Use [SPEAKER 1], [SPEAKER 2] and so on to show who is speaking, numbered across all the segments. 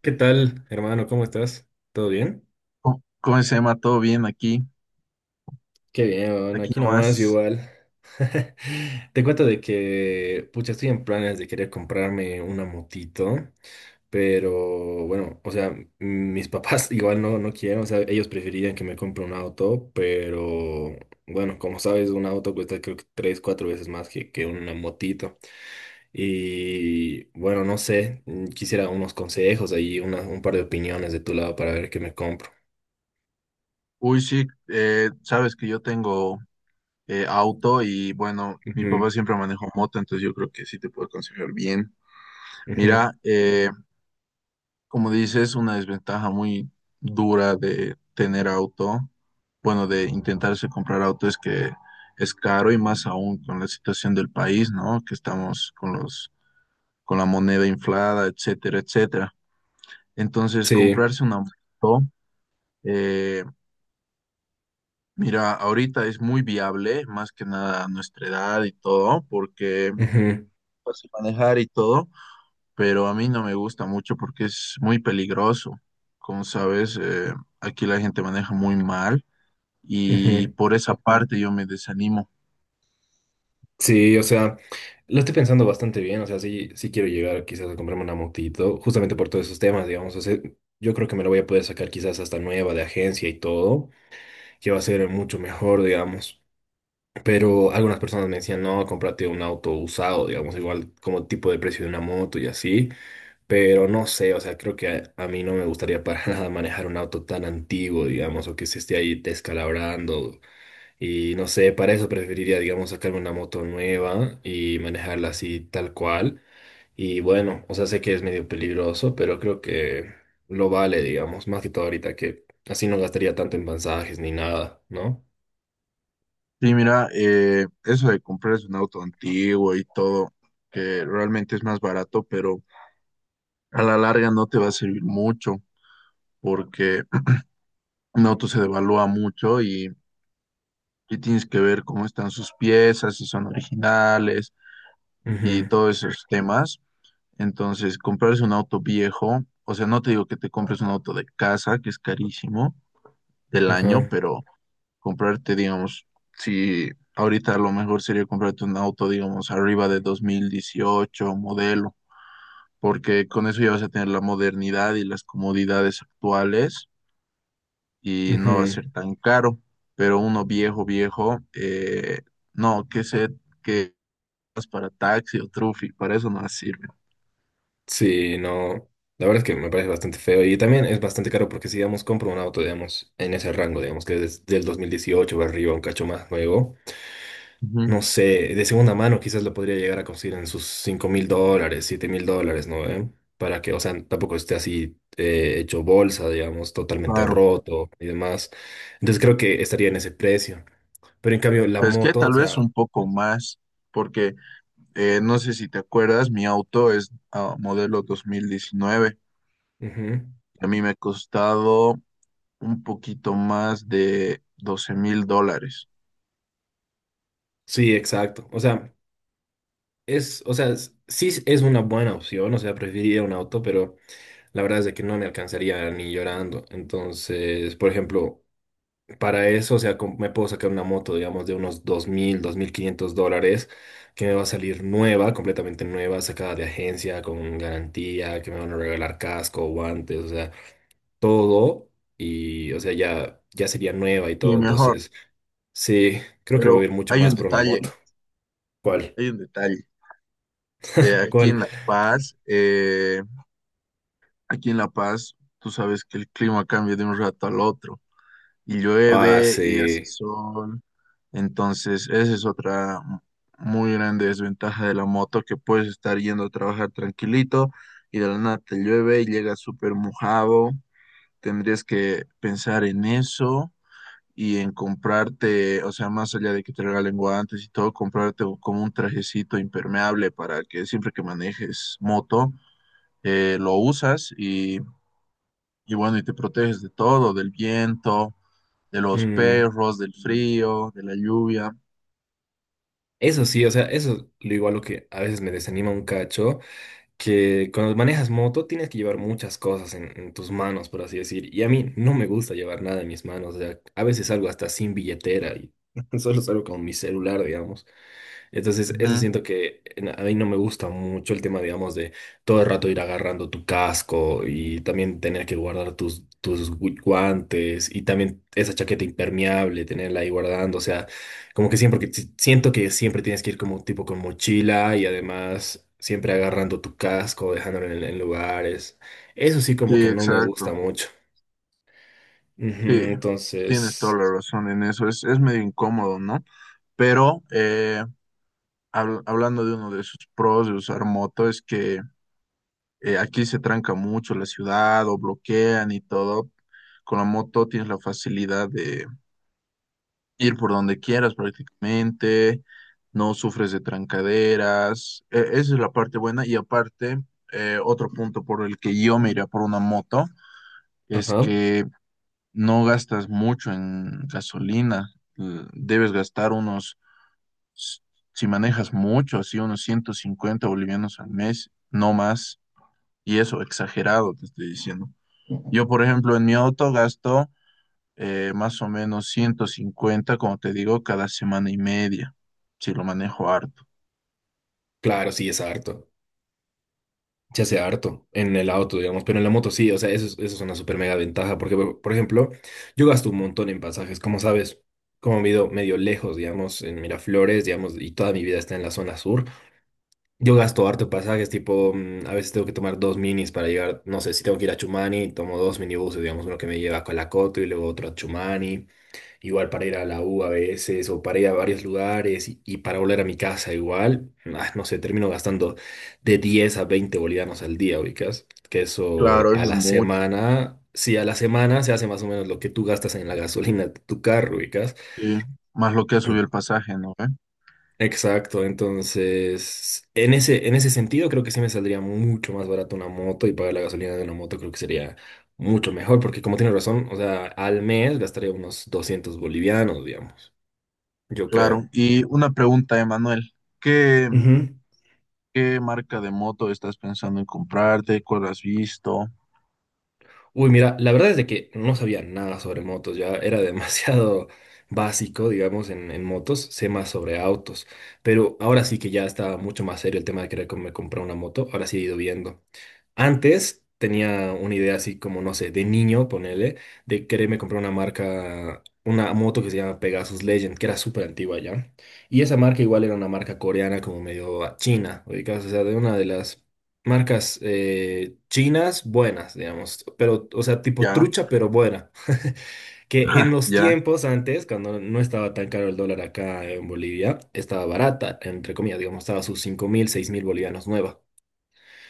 [SPEAKER 1] ¿Qué tal, hermano? ¿Cómo estás? ¿Todo bien?
[SPEAKER 2] ¿Cómo se llama? ¿Todo bien aquí?
[SPEAKER 1] Qué bien, bueno,
[SPEAKER 2] Aquí
[SPEAKER 1] aquí nomás
[SPEAKER 2] nomás.
[SPEAKER 1] igual. Te cuento de que, pucha, estoy en planes de querer comprarme una motito, pero bueno, o sea, mis papás igual no quieren, o sea, ellos preferirían que me compre un auto, pero bueno, como sabes, un auto cuesta creo que tres, cuatro veces más que una motito. Y bueno, no sé, quisiera unos consejos ahí, un par de opiniones de tu lado para ver qué me compro.
[SPEAKER 2] Uy, sí, sabes que yo tengo auto y bueno, mi papá siempre manejó moto, entonces yo creo que sí te puedo aconsejar bien.
[SPEAKER 1] Ujú,
[SPEAKER 2] Mira, como dices, una desventaja muy dura de tener auto, bueno, de intentarse comprar auto es que es caro y más aún con la situación del país, ¿no? Que estamos con con la moneda inflada, etcétera, etcétera. Entonces,
[SPEAKER 1] sí,
[SPEAKER 2] comprarse una moto. eh, Mira, ahorita es muy viable, más que nada a nuestra edad y todo, porque
[SPEAKER 1] ujú,
[SPEAKER 2] fácil manejar y todo, pero a mí no me gusta mucho porque es muy peligroso. Como sabes, aquí la gente maneja muy mal y
[SPEAKER 1] ujú.
[SPEAKER 2] por esa parte yo me desanimo.
[SPEAKER 1] Sí, o sea, lo estoy pensando bastante bien, o sea, sí quiero llegar quizás a comprarme una motito, justamente por todos esos temas, digamos, o sea, yo creo que me la voy a poder sacar quizás hasta nueva de agencia y todo, que va a ser mucho mejor, digamos, pero algunas personas me decían, no, cómprate un auto usado, digamos, igual como tipo de precio de una moto y así, pero no sé, o sea, creo que a mí no me gustaría para nada manejar un auto tan antiguo, digamos, o que se esté ahí descalabrando. Y no sé, para eso preferiría, digamos, sacarme una moto nueva y manejarla así tal cual. Y bueno, o sea, sé que es medio peligroso, pero creo que lo vale, digamos, más que todo ahorita, que así no gastaría tanto en pasajes ni nada, ¿no?
[SPEAKER 2] Sí, mira, eso de comprarse un auto antiguo y todo, que realmente es más barato, pero a la larga no te va a servir mucho porque un auto se devalúa mucho y tienes que ver cómo están sus piezas, si son originales y
[SPEAKER 1] Ujú,
[SPEAKER 2] todos esos temas. Entonces, comprarse un auto viejo, o sea, no te digo que te compres un auto de casa, que es carísimo del año,
[SPEAKER 1] ajá,
[SPEAKER 2] pero comprarte, digamos, si ahorita lo mejor sería comprarte un auto, digamos, arriba de 2018 modelo, porque con eso ya vas a tener la modernidad y las comodidades actuales y no va a
[SPEAKER 1] ujú.
[SPEAKER 2] ser tan caro, pero uno viejo, viejo, no, que se, pues, para taxi o trufi, para eso no las sirven.
[SPEAKER 1] Sí, no. La verdad es que me parece bastante feo y también es bastante caro porque si, digamos, compro un auto, digamos, en ese rango, digamos, que es del 2018 o arriba, un cacho más nuevo,
[SPEAKER 2] Ujú.
[SPEAKER 1] no sé, de segunda mano quizás lo podría llegar a conseguir en sus $5.000, $7.000, ¿no? ¿Eh? Para que, o sea, tampoco esté así hecho bolsa, digamos, totalmente
[SPEAKER 2] Claro,
[SPEAKER 1] roto y demás. Entonces creo que estaría en ese precio. Pero en cambio, la
[SPEAKER 2] pues que
[SPEAKER 1] moto, o
[SPEAKER 2] tal vez
[SPEAKER 1] sea,
[SPEAKER 2] un poco más, porque no sé si te acuerdas, mi auto es modelo 2019,
[SPEAKER 1] ujú,
[SPEAKER 2] a mí me ha costado un poquito más de $12.000.
[SPEAKER 1] sí, exacto. O sea, o sea, sí es una buena opción, o sea, preferiría un auto, pero la verdad es de que no me alcanzaría ni llorando. Entonces, por ejemplo, para eso, o sea, me puedo sacar una moto, digamos, de unos dos mil quinientos dólares, que me va a salir nueva, completamente nueva, sacada de agencia, con garantía, que me van a regalar casco, guantes, o sea, todo. Y, o sea, ya sería nueva y
[SPEAKER 2] Y
[SPEAKER 1] todo.
[SPEAKER 2] mejor,
[SPEAKER 1] Entonces, sí, creo que me voy
[SPEAKER 2] pero
[SPEAKER 1] a ir mucho
[SPEAKER 2] hay
[SPEAKER 1] más
[SPEAKER 2] un
[SPEAKER 1] por una moto.
[SPEAKER 2] detalle,
[SPEAKER 1] ¿Cuál?
[SPEAKER 2] hay un detalle. Aquí
[SPEAKER 1] ¿Cuál?
[SPEAKER 2] en La Paz, aquí en La Paz, tú sabes que el clima cambia de un rato al otro. Y
[SPEAKER 1] Ah,
[SPEAKER 2] llueve y hace
[SPEAKER 1] sí.
[SPEAKER 2] sol. Entonces, esa es otra muy grande desventaja de la moto, que puedes estar yendo a trabajar tranquilito y de la nada te llueve y llegas súper mojado. Tendrías que pensar en eso y en comprarte, o sea, más allá de que te regalen guantes y todo, como un trajecito impermeable para que siempre que manejes moto, lo usas y bueno, y te proteges de todo, del viento de los
[SPEAKER 1] Mm,
[SPEAKER 2] perros, del frío, de la lluvia.
[SPEAKER 1] Eso sí, o sea, eso es lo igual lo que a veces me desanima un cacho que cuando manejas moto tienes que llevar muchas cosas en tus manos, por así decir. Y a mí no me gusta llevar nada en mis manos. O sea, a veces salgo hasta sin billetera y solo salgo con mi celular, digamos. Entonces, eso
[SPEAKER 2] Ujú.
[SPEAKER 1] siento que a mí no me gusta mucho el tema, digamos, de todo el rato ir agarrando tu casco y también tener que guardar tus guantes y también esa chaqueta impermeable, tenerla ahí guardando. O sea, como que siempre, que siento que siempre tienes que ir como tipo con mochila y además siempre agarrando tu casco, dejándolo en lugares. Eso sí como
[SPEAKER 2] Sí,
[SPEAKER 1] que no me gusta
[SPEAKER 2] exacto.
[SPEAKER 1] mucho.
[SPEAKER 2] Sí,
[SPEAKER 1] Ujú,
[SPEAKER 2] tienes toda
[SPEAKER 1] entonces,
[SPEAKER 2] la razón en eso. Es medio incómodo, ¿no? Pero hablando de uno de sus pros de usar moto, es que aquí se tranca mucho la ciudad o bloquean y todo. Con la moto tienes la facilidad ir por donde quieras prácticamente, no sufres de trancaderas, esa es la parte buena y aparte, otro punto por el que yo me iría por una moto es
[SPEAKER 1] ajá,
[SPEAKER 2] que no gastas mucho en gasolina. Debes gastar unos, s- si manejas mucho, así unos 150 bolivianos al mes, no más, y eso exagerado te estoy diciendo. Yo, por ejemplo, en mi auto gasto más o menos 150 como te digo, cada semana y media, si lo manejo harto.
[SPEAKER 1] claro, sí, es harto. Se hace harto en el auto, digamos, pero en la moto sí, o sea, eso es una súper mega ventaja, porque, por ejemplo, yo gasto un montón en pasajes, como sabes, como vivo medio lejos, digamos, en Miraflores, digamos, y toda mi vida está en la zona sur, yo gasto harto en pasajes, tipo, a veces tengo que tomar dos minis para llegar, no sé, si tengo que ir a Chumani, tomo dos minibuses, digamos, uno que me lleva a Colacoto y luego otro a Chumani. Igual para ir a la U a veces o para ir a varios lugares y, para volver a mi casa igual, ah, no sé, termino gastando de 10 a 20 bolivianos al día, ubicas, que eso
[SPEAKER 2] Claro,
[SPEAKER 1] a
[SPEAKER 2] eso es
[SPEAKER 1] la
[SPEAKER 2] mucho.
[SPEAKER 1] semana, si a la semana se hace más o menos lo que tú gastas en la gasolina de tu carro, ubicas.
[SPEAKER 2] Sí, más lo que ha subido el pasaje, ¿no? ¿Ve?
[SPEAKER 1] Exacto, entonces en ese sentido creo que sí me saldría mucho más barato una moto y pagar la gasolina de una moto creo que sería mucho mejor, porque como tienes razón, o sea, al mes gastaría unos 200 bolivianos, digamos, yo creo.
[SPEAKER 2] Claro. Y una pregunta, Emanuel. ¿Qué,
[SPEAKER 1] Ujú.
[SPEAKER 2] ¿qué marca de moto estás pensando en comprarte? ¿Cuál has visto?
[SPEAKER 1] Uy, mira, la verdad es de que no sabía nada sobre motos, ya era demasiado básico, digamos, en motos, sé más sobre autos, pero ahora sí que ya está mucho más serio el tema de querer comprar una moto, ahora sí he ido viendo. Antes tenía una idea así como, no sé, de niño, ponele, de quererme comprar una marca, una moto que se llama Pegasus Legend, que era súper antigua ya. Y esa marca igual era una marca coreana como medio china, ubicás, o sea, de una de las marcas chinas buenas, digamos, pero, o sea, tipo
[SPEAKER 2] Ya.
[SPEAKER 1] trucha, pero buena. Que en los
[SPEAKER 2] Ya.
[SPEAKER 1] tiempos antes, cuando no estaba tan caro el dólar acá en Bolivia, estaba barata, entre comillas, digamos, estaba a sus 5.000, 6.000 bolivianos nuevas.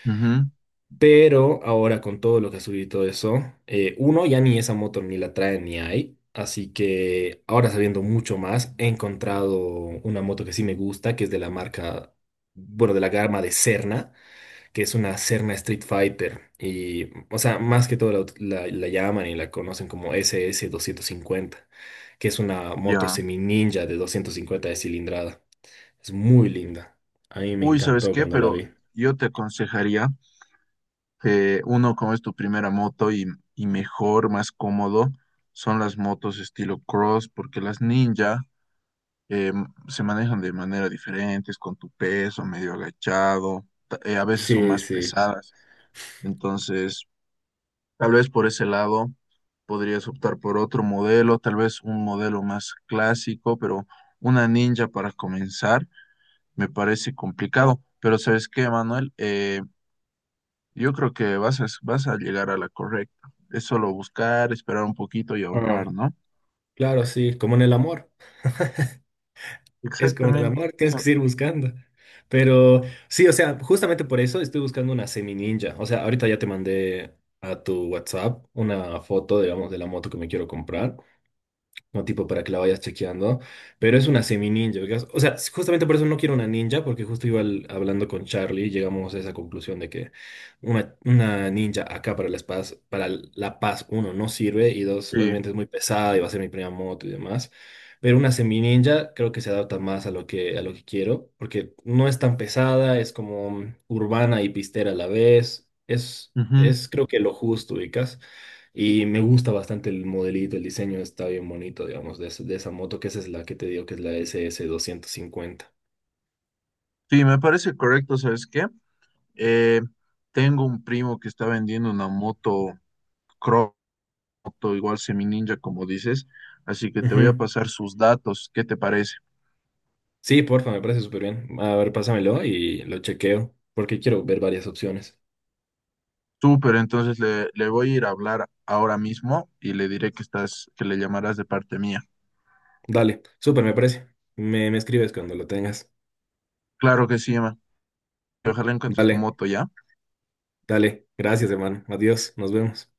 [SPEAKER 2] Ujú,
[SPEAKER 1] Pero ahora con todo lo que ha subido y todo eso, uno ya ni esa moto ni la trae ni hay. Así que ahora sabiendo mucho más, he encontrado una moto que sí me gusta, que es de la marca, bueno, de la gama de Serna, que es una Serna Street Fighter. Y, o sea, más que todo la llaman y la conocen como SS 50, que es una moto
[SPEAKER 2] ya.
[SPEAKER 1] semi ninja de 250 de cilindrada. Es muy linda. A mí me
[SPEAKER 2] Uy, ¿sabes
[SPEAKER 1] encantó
[SPEAKER 2] qué?
[SPEAKER 1] cuando la
[SPEAKER 2] Pero
[SPEAKER 1] vi.
[SPEAKER 2] yo te aconsejaría que uno, como es tu primera moto, y mejor, más cómodo, son las motos estilo cross, porque las ninja eh, se manejan de manera diferentes, con tu peso, medio agachado, a veces son
[SPEAKER 1] Sí,
[SPEAKER 2] más
[SPEAKER 1] sí.
[SPEAKER 2] pesadas. Entonces, tal vez por ese lado podrías optar por otro modelo, tal vez un modelo más clásico, pero una ninja para comenzar me parece complicado. Pero ¿sabes qué, Manuel? Yo creo que vas a llegar a la correcta. Es solo buscar, esperar un poquito y ahorrar, ¿no?
[SPEAKER 1] Claro, sí, como en el amor. Es como en el
[SPEAKER 2] Exactamente.
[SPEAKER 1] amor, tienes que
[SPEAKER 2] So-
[SPEAKER 1] seguir buscando. Pero sí, o sea, justamente por eso estoy buscando una semi ninja. O sea, ahorita ya te mandé a tu WhatsApp una foto, digamos, de la moto que me quiero comprar, no tipo para que la vayas chequeando, pero es una semi ninja, ¿ubicas? O sea, justamente por eso no quiero una ninja, porque justo iba hablando con Charlie y llegamos a esa conclusión de que una ninja acá para La Paz, para La Paz, uno, no sirve y dos,
[SPEAKER 2] Sí.
[SPEAKER 1] obviamente es muy pesada y va a ser mi primera moto y demás. Pero una semi ninja creo que se adapta más a lo que quiero, porque no es tan pesada, es como urbana y pistera a la vez. Es,
[SPEAKER 2] Ujú.
[SPEAKER 1] es creo que lo justo, ubicas. Y me gusta bastante el modelito, el diseño está bien bonito, digamos, de, de esa moto, que esa es la que te digo, que es la S SS250.
[SPEAKER 2] Sí, me parece correcto, ¿sabes qué? Eh, tengo un primo que está vendiendo una moto Croto, igual semi ninja, como dices, así que te voy a
[SPEAKER 1] Ujú.
[SPEAKER 2] pasar sus datos. ¿Qué te parece?
[SPEAKER 1] Sí, porfa, me parece súper bien. A ver, pásamelo y lo chequeo, porque quiero ver varias opciones.
[SPEAKER 2] Súper, entonces le voy a ir a hablar ahora mismo y le diré que estás, que le llamarás de parte mía.
[SPEAKER 1] Dale, súper, me parece. Me escribes cuando lo tengas.
[SPEAKER 2] Claro que sí, Emma. Ojalá encuentres tu
[SPEAKER 1] Dale,
[SPEAKER 2] moto ya.
[SPEAKER 1] dale. Gracias, hermano. Adiós, nos vemos.